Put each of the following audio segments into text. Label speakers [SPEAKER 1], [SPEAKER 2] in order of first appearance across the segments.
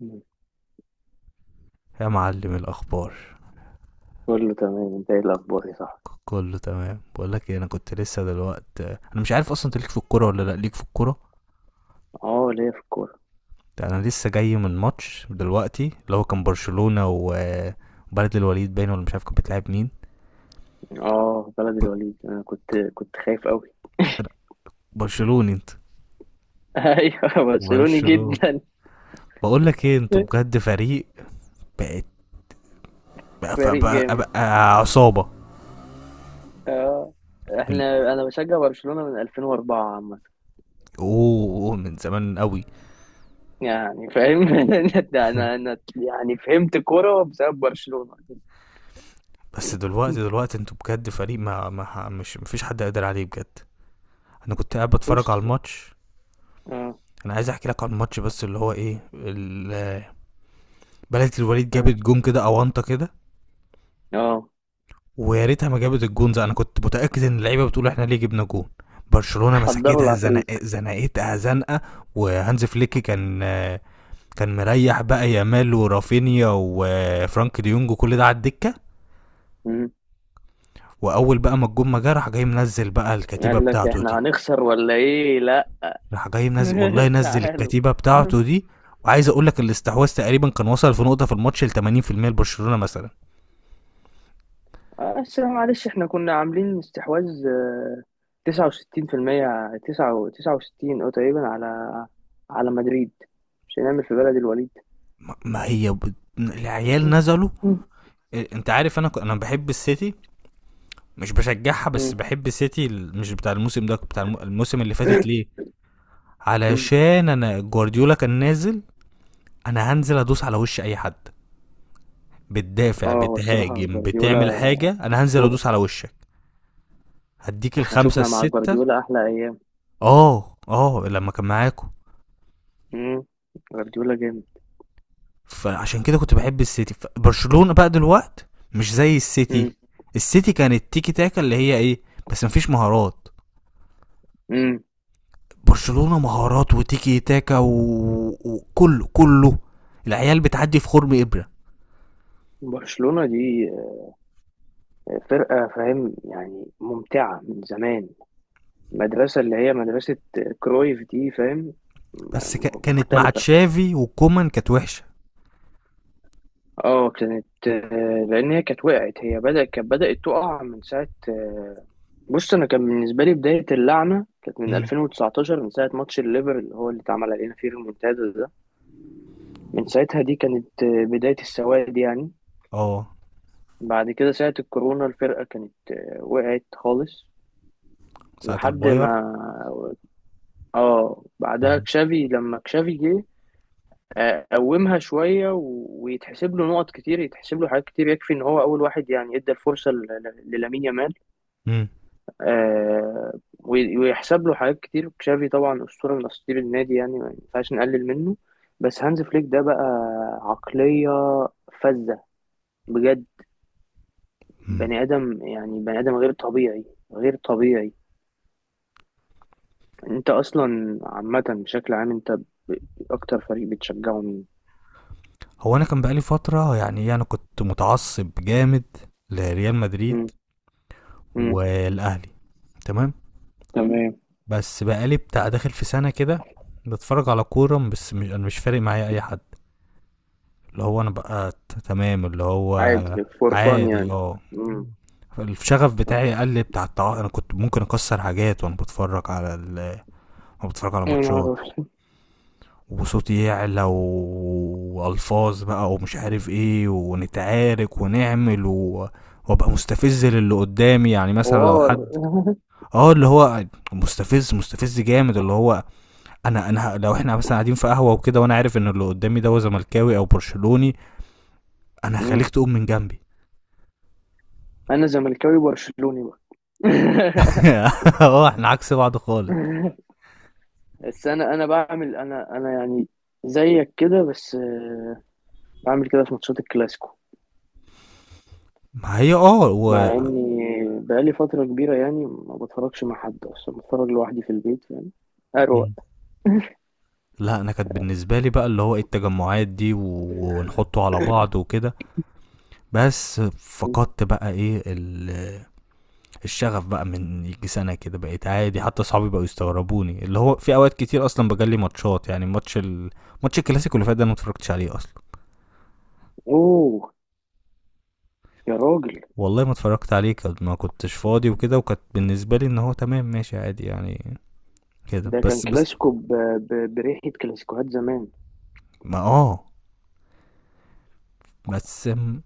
[SPEAKER 1] مم.
[SPEAKER 2] يا معلم الاخبار.
[SPEAKER 1] كله تمام، انت ايه الاخبار يا صاحبي؟
[SPEAKER 2] كله تمام، بقول لك إيه، انا كنت لسه دلوقت، انا مش عارف اصلا انت ليك في الكوره ولا لا ليك في الكوره.
[SPEAKER 1] اه ليا في الكوره.
[SPEAKER 2] ده انا لسه جاي من ماتش دلوقتي اللي هو كان برشلونه وبلد الوليد، باين ولا مش عارف كانت بتلعب مين.
[SPEAKER 1] اه بلد
[SPEAKER 2] كنت
[SPEAKER 1] الوليد، انا كنت خايف قوي.
[SPEAKER 2] أنا برشلوني. انت؟
[SPEAKER 1] ايوه برشلوني
[SPEAKER 2] برشلونه.
[SPEAKER 1] جدا.
[SPEAKER 2] بقول لك ايه، انتوا بجد فريق. بقت. بقى, بقى,
[SPEAKER 1] فريق
[SPEAKER 2] بقى,
[SPEAKER 1] جامد.
[SPEAKER 2] بقى عصابه.
[SPEAKER 1] اه
[SPEAKER 2] ال-
[SPEAKER 1] احنا بشجع برشلونه من 2004 عامه،
[SPEAKER 2] اوه أوه، من زمان قوي.
[SPEAKER 1] يعني فاهم. انا انا أنا يعني فهمت كوره بسبب برشلونه.
[SPEAKER 2] بس دلوقتي دلوقتي انتوا بجد فريق، ما مش مفيش حد قادر عليه بجد. انا كنت قاعد بتفرج
[SPEAKER 1] بص.
[SPEAKER 2] على الماتش.
[SPEAKER 1] اه.
[SPEAKER 2] انا عايز احكي لك عن ماتش، بس اللي هو ايه بلدة الوليد
[SPEAKER 1] اه.
[SPEAKER 2] جابت جون كده اونطه كده.
[SPEAKER 1] اه.
[SPEAKER 2] ويا ريتها ما جابت الجون ده، انا كنت متاكد ان اللعيبه بتقول احنا ليه جبنا جون. برشلونه
[SPEAKER 1] حضروا
[SPEAKER 2] مسكتها،
[SPEAKER 1] العفريت.
[SPEAKER 2] زنقتها زنقه. وهانز فليك كان مريح بقى، يامال ورافينيا وفرانك ديونج وكل ده على الدكه.
[SPEAKER 1] مم.
[SPEAKER 2] واول بقى ما الجون ما جه، راح جاي منزل بقى الكتيبه
[SPEAKER 1] قال لك
[SPEAKER 2] بتاعته
[SPEAKER 1] احنا
[SPEAKER 2] دي.
[SPEAKER 1] هنخسر ولا ايه؟ لا.
[SPEAKER 2] راح جاي منزل، والله نزل
[SPEAKER 1] تعالوا.
[SPEAKER 2] الكتيبه بتاعته دي. وعايز اقول لك الاستحواذ تقريبا كان وصل في نقطه في الماتش ل 80% لبرشلونه مثلا.
[SPEAKER 1] آه، بس معلش احنا كنا عاملين استحواذ آه، تسعة وستين في المية، تسعة وستين أو تقريبا، على على مدريد. مش هنعمل في بلد الوليد؟
[SPEAKER 2] ما هي العيال نزلوا.
[SPEAKER 1] مم.
[SPEAKER 2] إيه، انت عارف انا انا بحب السيتي. مش بشجعها، بس
[SPEAKER 1] مم.
[SPEAKER 2] بحب السيتي، مش بتاع الموسم ده، بتاع الموسم اللي فاتت ليه.
[SPEAKER 1] مم.
[SPEAKER 2] علشان انا جوارديولا كان نازل، انا هنزل ادوس على وش اي حد. بتدافع
[SPEAKER 1] اه، هو الصراحة
[SPEAKER 2] بتهاجم
[SPEAKER 1] جوارديولا
[SPEAKER 2] بتعمل حاجه، انا هنزل
[SPEAKER 1] أسطورة.
[SPEAKER 2] ادوس على وشك. هديك
[SPEAKER 1] احنا
[SPEAKER 2] الخمسه
[SPEAKER 1] شفنا مع
[SPEAKER 2] السته.
[SPEAKER 1] جوارديولا أحلى أيام.
[SPEAKER 2] اه اه، لما كان معاكم.
[SPEAKER 1] مم. جوارديولا جامد.
[SPEAKER 2] فعشان كده كنت بحب السيتي. برشلونه بقى دلوقت مش زي السيتي.
[SPEAKER 1] مم.
[SPEAKER 2] السيتي كانت تيكي تاكا اللي هي ايه، بس مفيش مهارات.
[SPEAKER 1] مم.
[SPEAKER 2] برشلونه مهارات وتيكي تاكا وكله كله. العيال بتعدي في خرم ابره.
[SPEAKER 1] برشلونة دي فرقة، فاهم يعني، ممتعة من زمان. المدرسة اللي هي مدرسة كرويف دي، فاهم،
[SPEAKER 2] بس كانت مع
[SPEAKER 1] مختلفة.
[SPEAKER 2] تشافي وكومان كانت وحشه.
[SPEAKER 1] اه كانت آه، لان هي كانت وقعت، هي بدأت، كانت بدأت تقع من ساعة آه، بص انا كان بالنسبة لي بداية اللعنة كانت من
[SPEAKER 2] امم.
[SPEAKER 1] 2019، من ساعة ماتش الليفر اللي هو اللي اتعمل علينا فيه المونتادا ده. من ساعتها دي كانت آه، بداية السواد يعني.
[SPEAKER 2] اه،
[SPEAKER 1] بعد كده ساعة الكورونا الفرقة كانت آه، وقعت خالص
[SPEAKER 2] ساعه
[SPEAKER 1] لحد ما،
[SPEAKER 2] الباير.
[SPEAKER 1] اه بعدها
[SPEAKER 2] امم.
[SPEAKER 1] كشافي، لما كشافي جه قومها شوية ويتحسب له نقط كتير، يتحسب له حاجات كتير، يكفي إن هو أول واحد يعني إدى الفرصة للامين يامال آه، وي- ويحسب له حاجات كتير. تشافي طبعا أسطورة من أساطير النادي، يعني ما ينفعش نقلل منه. بس هانز فليك ده بقى عقلية فذة بجد،
[SPEAKER 2] امم.
[SPEAKER 1] بني آدم يعني، بني آدم غير طبيعي، غير طبيعي. أنت أصلا عامة، بشكل عام أنت أكتر فريق بتشجعه مين؟
[SPEAKER 2] هو انا كان بقالي فتره، يعني إيه، انا كنت متعصب جامد لريال مدريد
[SPEAKER 1] مم. مم.
[SPEAKER 2] والاهلي. تمام.
[SPEAKER 1] تمام.
[SPEAKER 2] بس بقالي بتاع داخل في سنه كده بتفرج على كوره، بس مش، انا مش فارق معايا اي حد، اللي هو انا بقى تمام اللي هو
[SPEAKER 1] عادي فور فان
[SPEAKER 2] عادي
[SPEAKER 1] يعني.
[SPEAKER 2] اه.
[SPEAKER 1] مم.
[SPEAKER 2] الشغف بتاعي قل، بتاع انا كنت ممكن اكسر حاجات وانا بتفرج على وانا بتفرج على
[SPEAKER 1] يا نهار
[SPEAKER 2] ماتشات،
[SPEAKER 1] أبيض.
[SPEAKER 2] وصوتي يعلى والفاظ بقى ومش عارف ايه ونتعارك ونعمل وابقى مستفز للي قدامي، يعني مثلا لو
[SPEAKER 1] حوار.
[SPEAKER 2] حد اه اللي هو مستفز مستفز جامد اللي هو، انا لو احنا مثلا قاعدين في قهوه وكده، وانا عارف ان اللي قدامي ده هو زملكاوي او برشلوني، انا هخليك
[SPEAKER 1] مم.
[SPEAKER 2] تقوم من جنبي.
[SPEAKER 1] انا زملكاوي برشلوني بقى.
[SPEAKER 2] اه، احنا عكس بعض خالص.
[SPEAKER 1] بس انا بعمل، انا يعني زيك كده بس آه، بعمل كده في ماتشات الكلاسيكو.
[SPEAKER 2] ما هي اه
[SPEAKER 1] مع اني بقالي فترة كبيرة، يعني ما بتفرجش مع حد اصلا، بتفرج لوحدي في البيت يعني، اروق.
[SPEAKER 2] لأ، أنا كانت بالنسبة لي بقى اللي هو إيه التجمعات دي ونحطه على بعض وكده، بس فقدت بقى إيه الشغف بقى من ييجي سنة كده، بقيت عادي، حتى صحابي بقوا يستغربوني، اللي هو في أوقات كتير أصلًا باجلي ماتشات، يعني ماتش الكلاسيكو اللي فات ده أنا ما اتفرجتش عليه أصلًا،
[SPEAKER 1] اوه يا راجل،
[SPEAKER 2] والله ما اتفرجت عليه، كان ما كنتش فاضي وكده، وكانت بالنسبة لي إن هو تمام ماشي عادي يعني كده.
[SPEAKER 1] ده كان
[SPEAKER 2] بس
[SPEAKER 1] كلاسيكو بريحة كلاسيكوهات زمان.
[SPEAKER 2] ما بس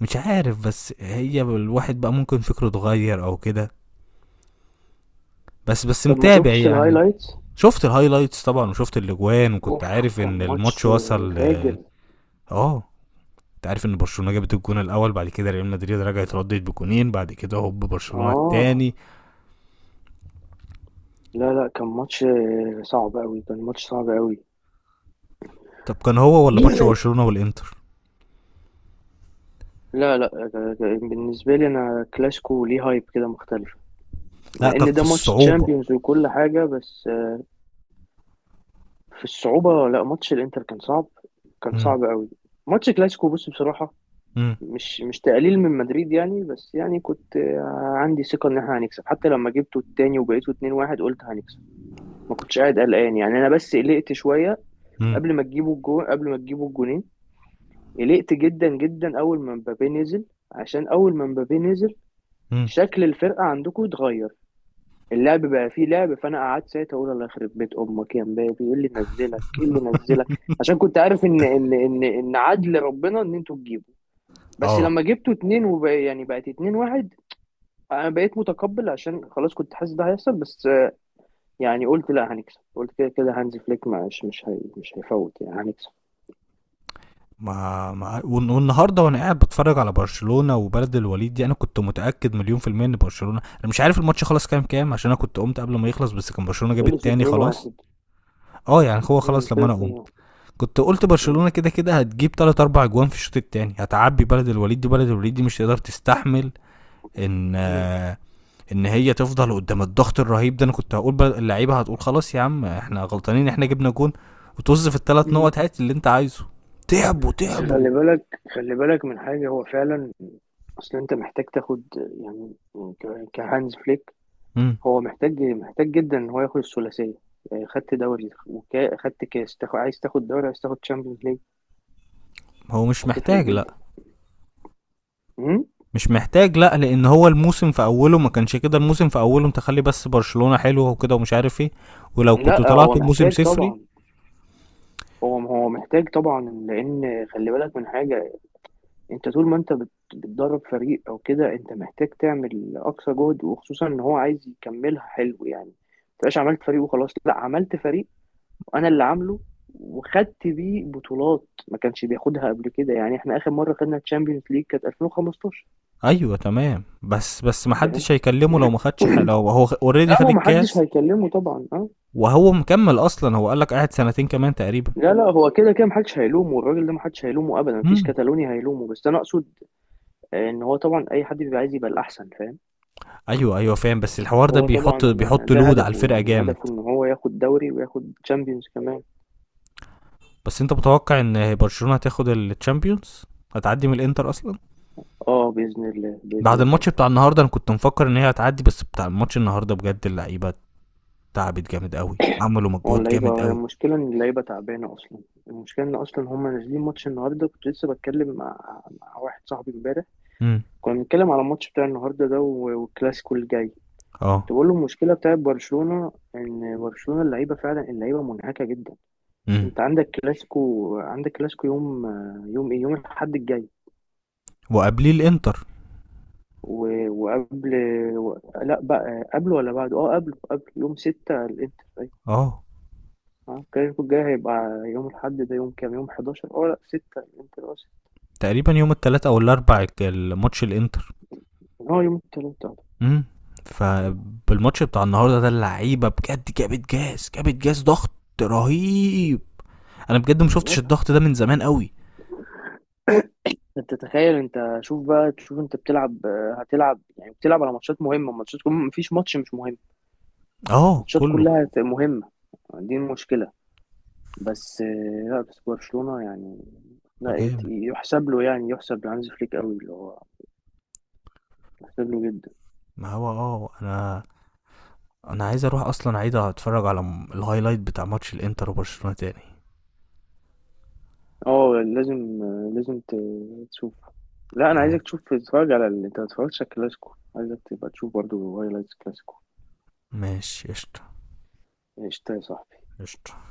[SPEAKER 2] مش عارف، بس هي الواحد بقى ممكن فكره اتغير أو كده، بس
[SPEAKER 1] طب ما
[SPEAKER 2] متابع
[SPEAKER 1] شفتش
[SPEAKER 2] يعني.
[SPEAKER 1] الهايلايتس؟
[SPEAKER 2] شفت الهايلايتس طبعا، وشفت الاجوان، وكنت
[SPEAKER 1] اوف،
[SPEAKER 2] عارف
[SPEAKER 1] كان
[SPEAKER 2] ان الماتش
[SPEAKER 1] ماتش
[SPEAKER 2] وصل. اه
[SPEAKER 1] فاجر.
[SPEAKER 2] آه، انت عارف ان برشلونه جابت الجون الاول، بعد كده ريال مدريد رجعت ردت بجونين، بعد كده هوب برشلونه
[SPEAKER 1] اه
[SPEAKER 2] التاني.
[SPEAKER 1] لا لا، كان ماتش آه، صعب قوي، كان ماتش صعب قوي.
[SPEAKER 2] طب كان هو ولا ماتش برشلونه والانتر؟
[SPEAKER 1] لا لا، آه، بالنسبة لي أنا كلاسيكو ليه هايب كده مختلف،
[SPEAKER 2] لا،
[SPEAKER 1] مع
[SPEAKER 2] كان
[SPEAKER 1] إن
[SPEAKER 2] في
[SPEAKER 1] ده ماتش
[SPEAKER 2] الصعوبه.
[SPEAKER 1] تشامبيونز وكل حاجة بس آه، في الصعوبة لا، ماتش الإنتر كان صعب، كان
[SPEAKER 2] مم،
[SPEAKER 1] صعب قوي. ماتش كلاسيكو بص بصراحة،
[SPEAKER 2] مم،
[SPEAKER 1] مش تقليل من مدريد يعني، بس يعني كنت آه، عندي ثقة إن إحنا هنكسب، حتى لما جبته التاني وبقيته 2-1 قلت هنكسب، ما كنتش قاعد قلقان يعني، أنا بس قلقت شوية
[SPEAKER 2] مم،
[SPEAKER 1] قبل ما تجيبوا الجون، قبل ما تجيبوا الجونين. قلقت جدا جدا اول ما مبابي نزل، عشان اول ما مبابي نزل
[SPEAKER 2] مم.
[SPEAKER 1] شكل الفرقه عندكم اتغير، اللعب بقى فيه لعب، فانا قعدت ساعتها اقول الله يخرب بيت امك يا مبابي، ايه اللي نزلك، ايه اللي نزلك؟ عشان كنت عارف ان عدل ربنا ان انتوا تجيبوا. بس
[SPEAKER 2] اه،
[SPEAKER 1] لما جبتوا اتنين وبقى يعني بقت اتنين واحد، انا بقيت متقبل عشان خلاص كنت حاسس ده هيحصل، بس آه، يعني قلت لا هنكسب، قلت كده كده هانز فليك مش هيفوت يعني، هنكسب.
[SPEAKER 2] ما والنهارده وانا قاعد بتفرج على برشلونه وبلد الوليد دي، انا كنت متاكد مليون في الميه ان برشلونه، انا مش عارف الماتش خلاص كام كام، عشان انا كنت قمت قبل ما يخلص، بس كان برشلونه جاب
[SPEAKER 1] خلص
[SPEAKER 2] التاني
[SPEAKER 1] اتنين
[SPEAKER 2] خلاص.
[SPEAKER 1] واحد.
[SPEAKER 2] اه، يعني هو خلاص لما
[SPEAKER 1] خلص
[SPEAKER 2] انا قمت
[SPEAKER 1] اتنين
[SPEAKER 2] كنت قلت برشلونه كده كده هتجيب 3 4 اجوان في الشوط الثاني، هتعبي بلد الوليد دي، بلد الوليد دي مش تقدر تستحمل ان ان هي تفضل قدام الضغط الرهيب ده. انا كنت هقول اللعيبه هتقول خلاص يا عم احنا غلطانين، احنا جبنا جون وطز في الثلاث
[SPEAKER 1] واحد.
[SPEAKER 2] نقط، هات اللي انت عايزه. تعبوا
[SPEAKER 1] بس
[SPEAKER 2] تعبوا.
[SPEAKER 1] خلي بالك، خلي بالك من حاجة، هو فعلا أصل أنت محتاج تاخد يعني كهانز فليك،
[SPEAKER 2] امم.
[SPEAKER 1] هو محتاج محتاج جدا إن هو ياخد الثلاثية، يعني خدت دوري وخدت كاس، تاخد عايز تاخد دوري، عايز تاخد تشامبيونز ليج،
[SPEAKER 2] هو مش
[SPEAKER 1] هتفرق
[SPEAKER 2] محتاج، لا.
[SPEAKER 1] جدا. مم؟
[SPEAKER 2] مش محتاج لا، لان هو الموسم في اوله ما كانش كده، الموسم في اوله، انت خلي بس برشلونه حلوه وكده ومش عارف ايه، ولو كنتوا
[SPEAKER 1] لا هو
[SPEAKER 2] طلعتوا بموسم
[SPEAKER 1] محتاج
[SPEAKER 2] صفري.
[SPEAKER 1] طبعا، هو محتاج طبعا، لأن خلي بالك من حاجة، أنت طول ما أنت بتدرب فريق أو كده أنت محتاج تعمل أقصى جهد، وخصوصا إن هو عايز يكملها حلو، يعني ما تبقاش عملت فريق وخلاص، لا عملت فريق وانا اللي عامله، وخدت بيه بطولات ما كانش بياخدها قبل كده، يعني احنا اخر مره خدنا تشامبيونز ليج كانت 2015.
[SPEAKER 2] أيوه تمام، بس ما
[SPEAKER 1] فاهم؟
[SPEAKER 2] حدش هيكلمه لو ما خدش لو هو already
[SPEAKER 1] لا
[SPEAKER 2] خد
[SPEAKER 1] هو ما حدش
[SPEAKER 2] الكاس،
[SPEAKER 1] هيكلمه طبعا. اه
[SPEAKER 2] وهو مكمّل أصلًا، هو قال لك قاعد سنتين كمان تقريبًا.
[SPEAKER 1] لا لا، هو كده كده ما حدش هيلومه الراجل ده، ما حدش هيلومه ابدا، ما فيش
[SPEAKER 2] إمم.
[SPEAKER 1] كتالوني هيلومه، بس انا اقصد آه، ان هو طبعا اي حد بيبقى عايز يبقى الاحسن، فاهم.
[SPEAKER 2] أيوه، أيوه فاهم، بس الحوار ده
[SPEAKER 1] فهو
[SPEAKER 2] بيحط
[SPEAKER 1] طبعا آه،
[SPEAKER 2] بيحط
[SPEAKER 1] ده
[SPEAKER 2] load على
[SPEAKER 1] هدفه
[SPEAKER 2] الفرقة
[SPEAKER 1] يعني،
[SPEAKER 2] جامد.
[SPEAKER 1] هدفه ان هو ياخد دوري وياخد تشامبيونز كمان.
[SPEAKER 2] بس أنت متوقع إن برشلونة هتاخد الChampions؟ هتعدّي من الإنتر أصلًا؟
[SPEAKER 1] اه باذن الله، باذن
[SPEAKER 2] بعد
[SPEAKER 1] الله.
[SPEAKER 2] الماتش بتاع النهارده أنا كنت مفكّر إن هي هتعدّي، بس بتاع الماتش النهارده بجد اللعيبة تعبت جامد أوي، عملوا
[SPEAKER 1] هو
[SPEAKER 2] مجهود جامد
[SPEAKER 1] اللعيبة، هي
[SPEAKER 2] أوي.
[SPEAKER 1] المشكلة إن اللعيبة تعبانة أصلا، المشكلة إن أصلا هما نازلين ماتش النهاردة. كنت لسه بتكلم مع، مع واحد صاحبي إمبارح،
[SPEAKER 2] إمم.
[SPEAKER 1] كنا بنتكلم على الماتش بتاع النهاردة ده والكلاسيكو الجاي،
[SPEAKER 2] آه.
[SPEAKER 1] تقول له المشكلة بتاعت برشلونة، إن برشلونة اللعيبة فعلا اللعيبة منهكة جدا.
[SPEAKER 2] إمم.
[SPEAKER 1] أنت عندك كلاسيكو، عندك كلاسيكو يوم، يوم إيه، يوم الأحد الجاي
[SPEAKER 2] وقبليه الإنتر.
[SPEAKER 1] و- وقبل لا بقى قبله ولا بعده، اه قبله، قبله يوم ستة الانتر أيوة.
[SPEAKER 2] آه.
[SPEAKER 1] اه الكلاسيكو الجاي هيبقى يوم الأحد ده، يوم كام، يوم 11 اه لا 6 الانتر آه،
[SPEAKER 2] تقريبًا يوم التلات أو الأربع الماتش الإنتر.
[SPEAKER 1] هو يوم التلات أهو.
[SPEAKER 2] امم.
[SPEAKER 1] آه،
[SPEAKER 2] فبالماتش بتاع النهارده ده اللعيبه بجد جابت جاز جابت جاز ضغط رهيب. انا بجد ما شفتش
[SPEAKER 1] بالظبط.
[SPEAKER 2] الضغط ده من زمان قوي.
[SPEAKER 1] انت تخيل، انت شوف بقى، تشوف انت بتلعب آه، هتلعب يعني، بتلعب على ماتشات مهمة، ماتشات مفيش ماتش مش مهم،
[SPEAKER 2] اه
[SPEAKER 1] ماتشات
[SPEAKER 2] كله
[SPEAKER 1] كلها مهمة، دي المشكلة. بس آه، لا بس برشلونة يعني، لا
[SPEAKER 2] جامد.
[SPEAKER 1] يحسب له يعني، يحسب لهانز فليك قوي اللي هو يحسب له جدا.
[SPEAKER 2] ما هو اه انا، انا عايز اروح اصلا، عايز اتفرج على الهايلايت بتاع ماتش الانتر وبرشلونه تاني.
[SPEAKER 1] اه لازم آه، لازم تشوف، لا انا
[SPEAKER 2] اه
[SPEAKER 1] عايزك تشوف، تتفرج على انت ما اتفرجتش على الكلاسيكو، عايزك تبقى تشوف برضو هايلايتس كلاسيكو.
[SPEAKER 2] ماشي قشطه.
[SPEAKER 1] قشطة يا صاحبي.
[SPEAKER 2] قشطه.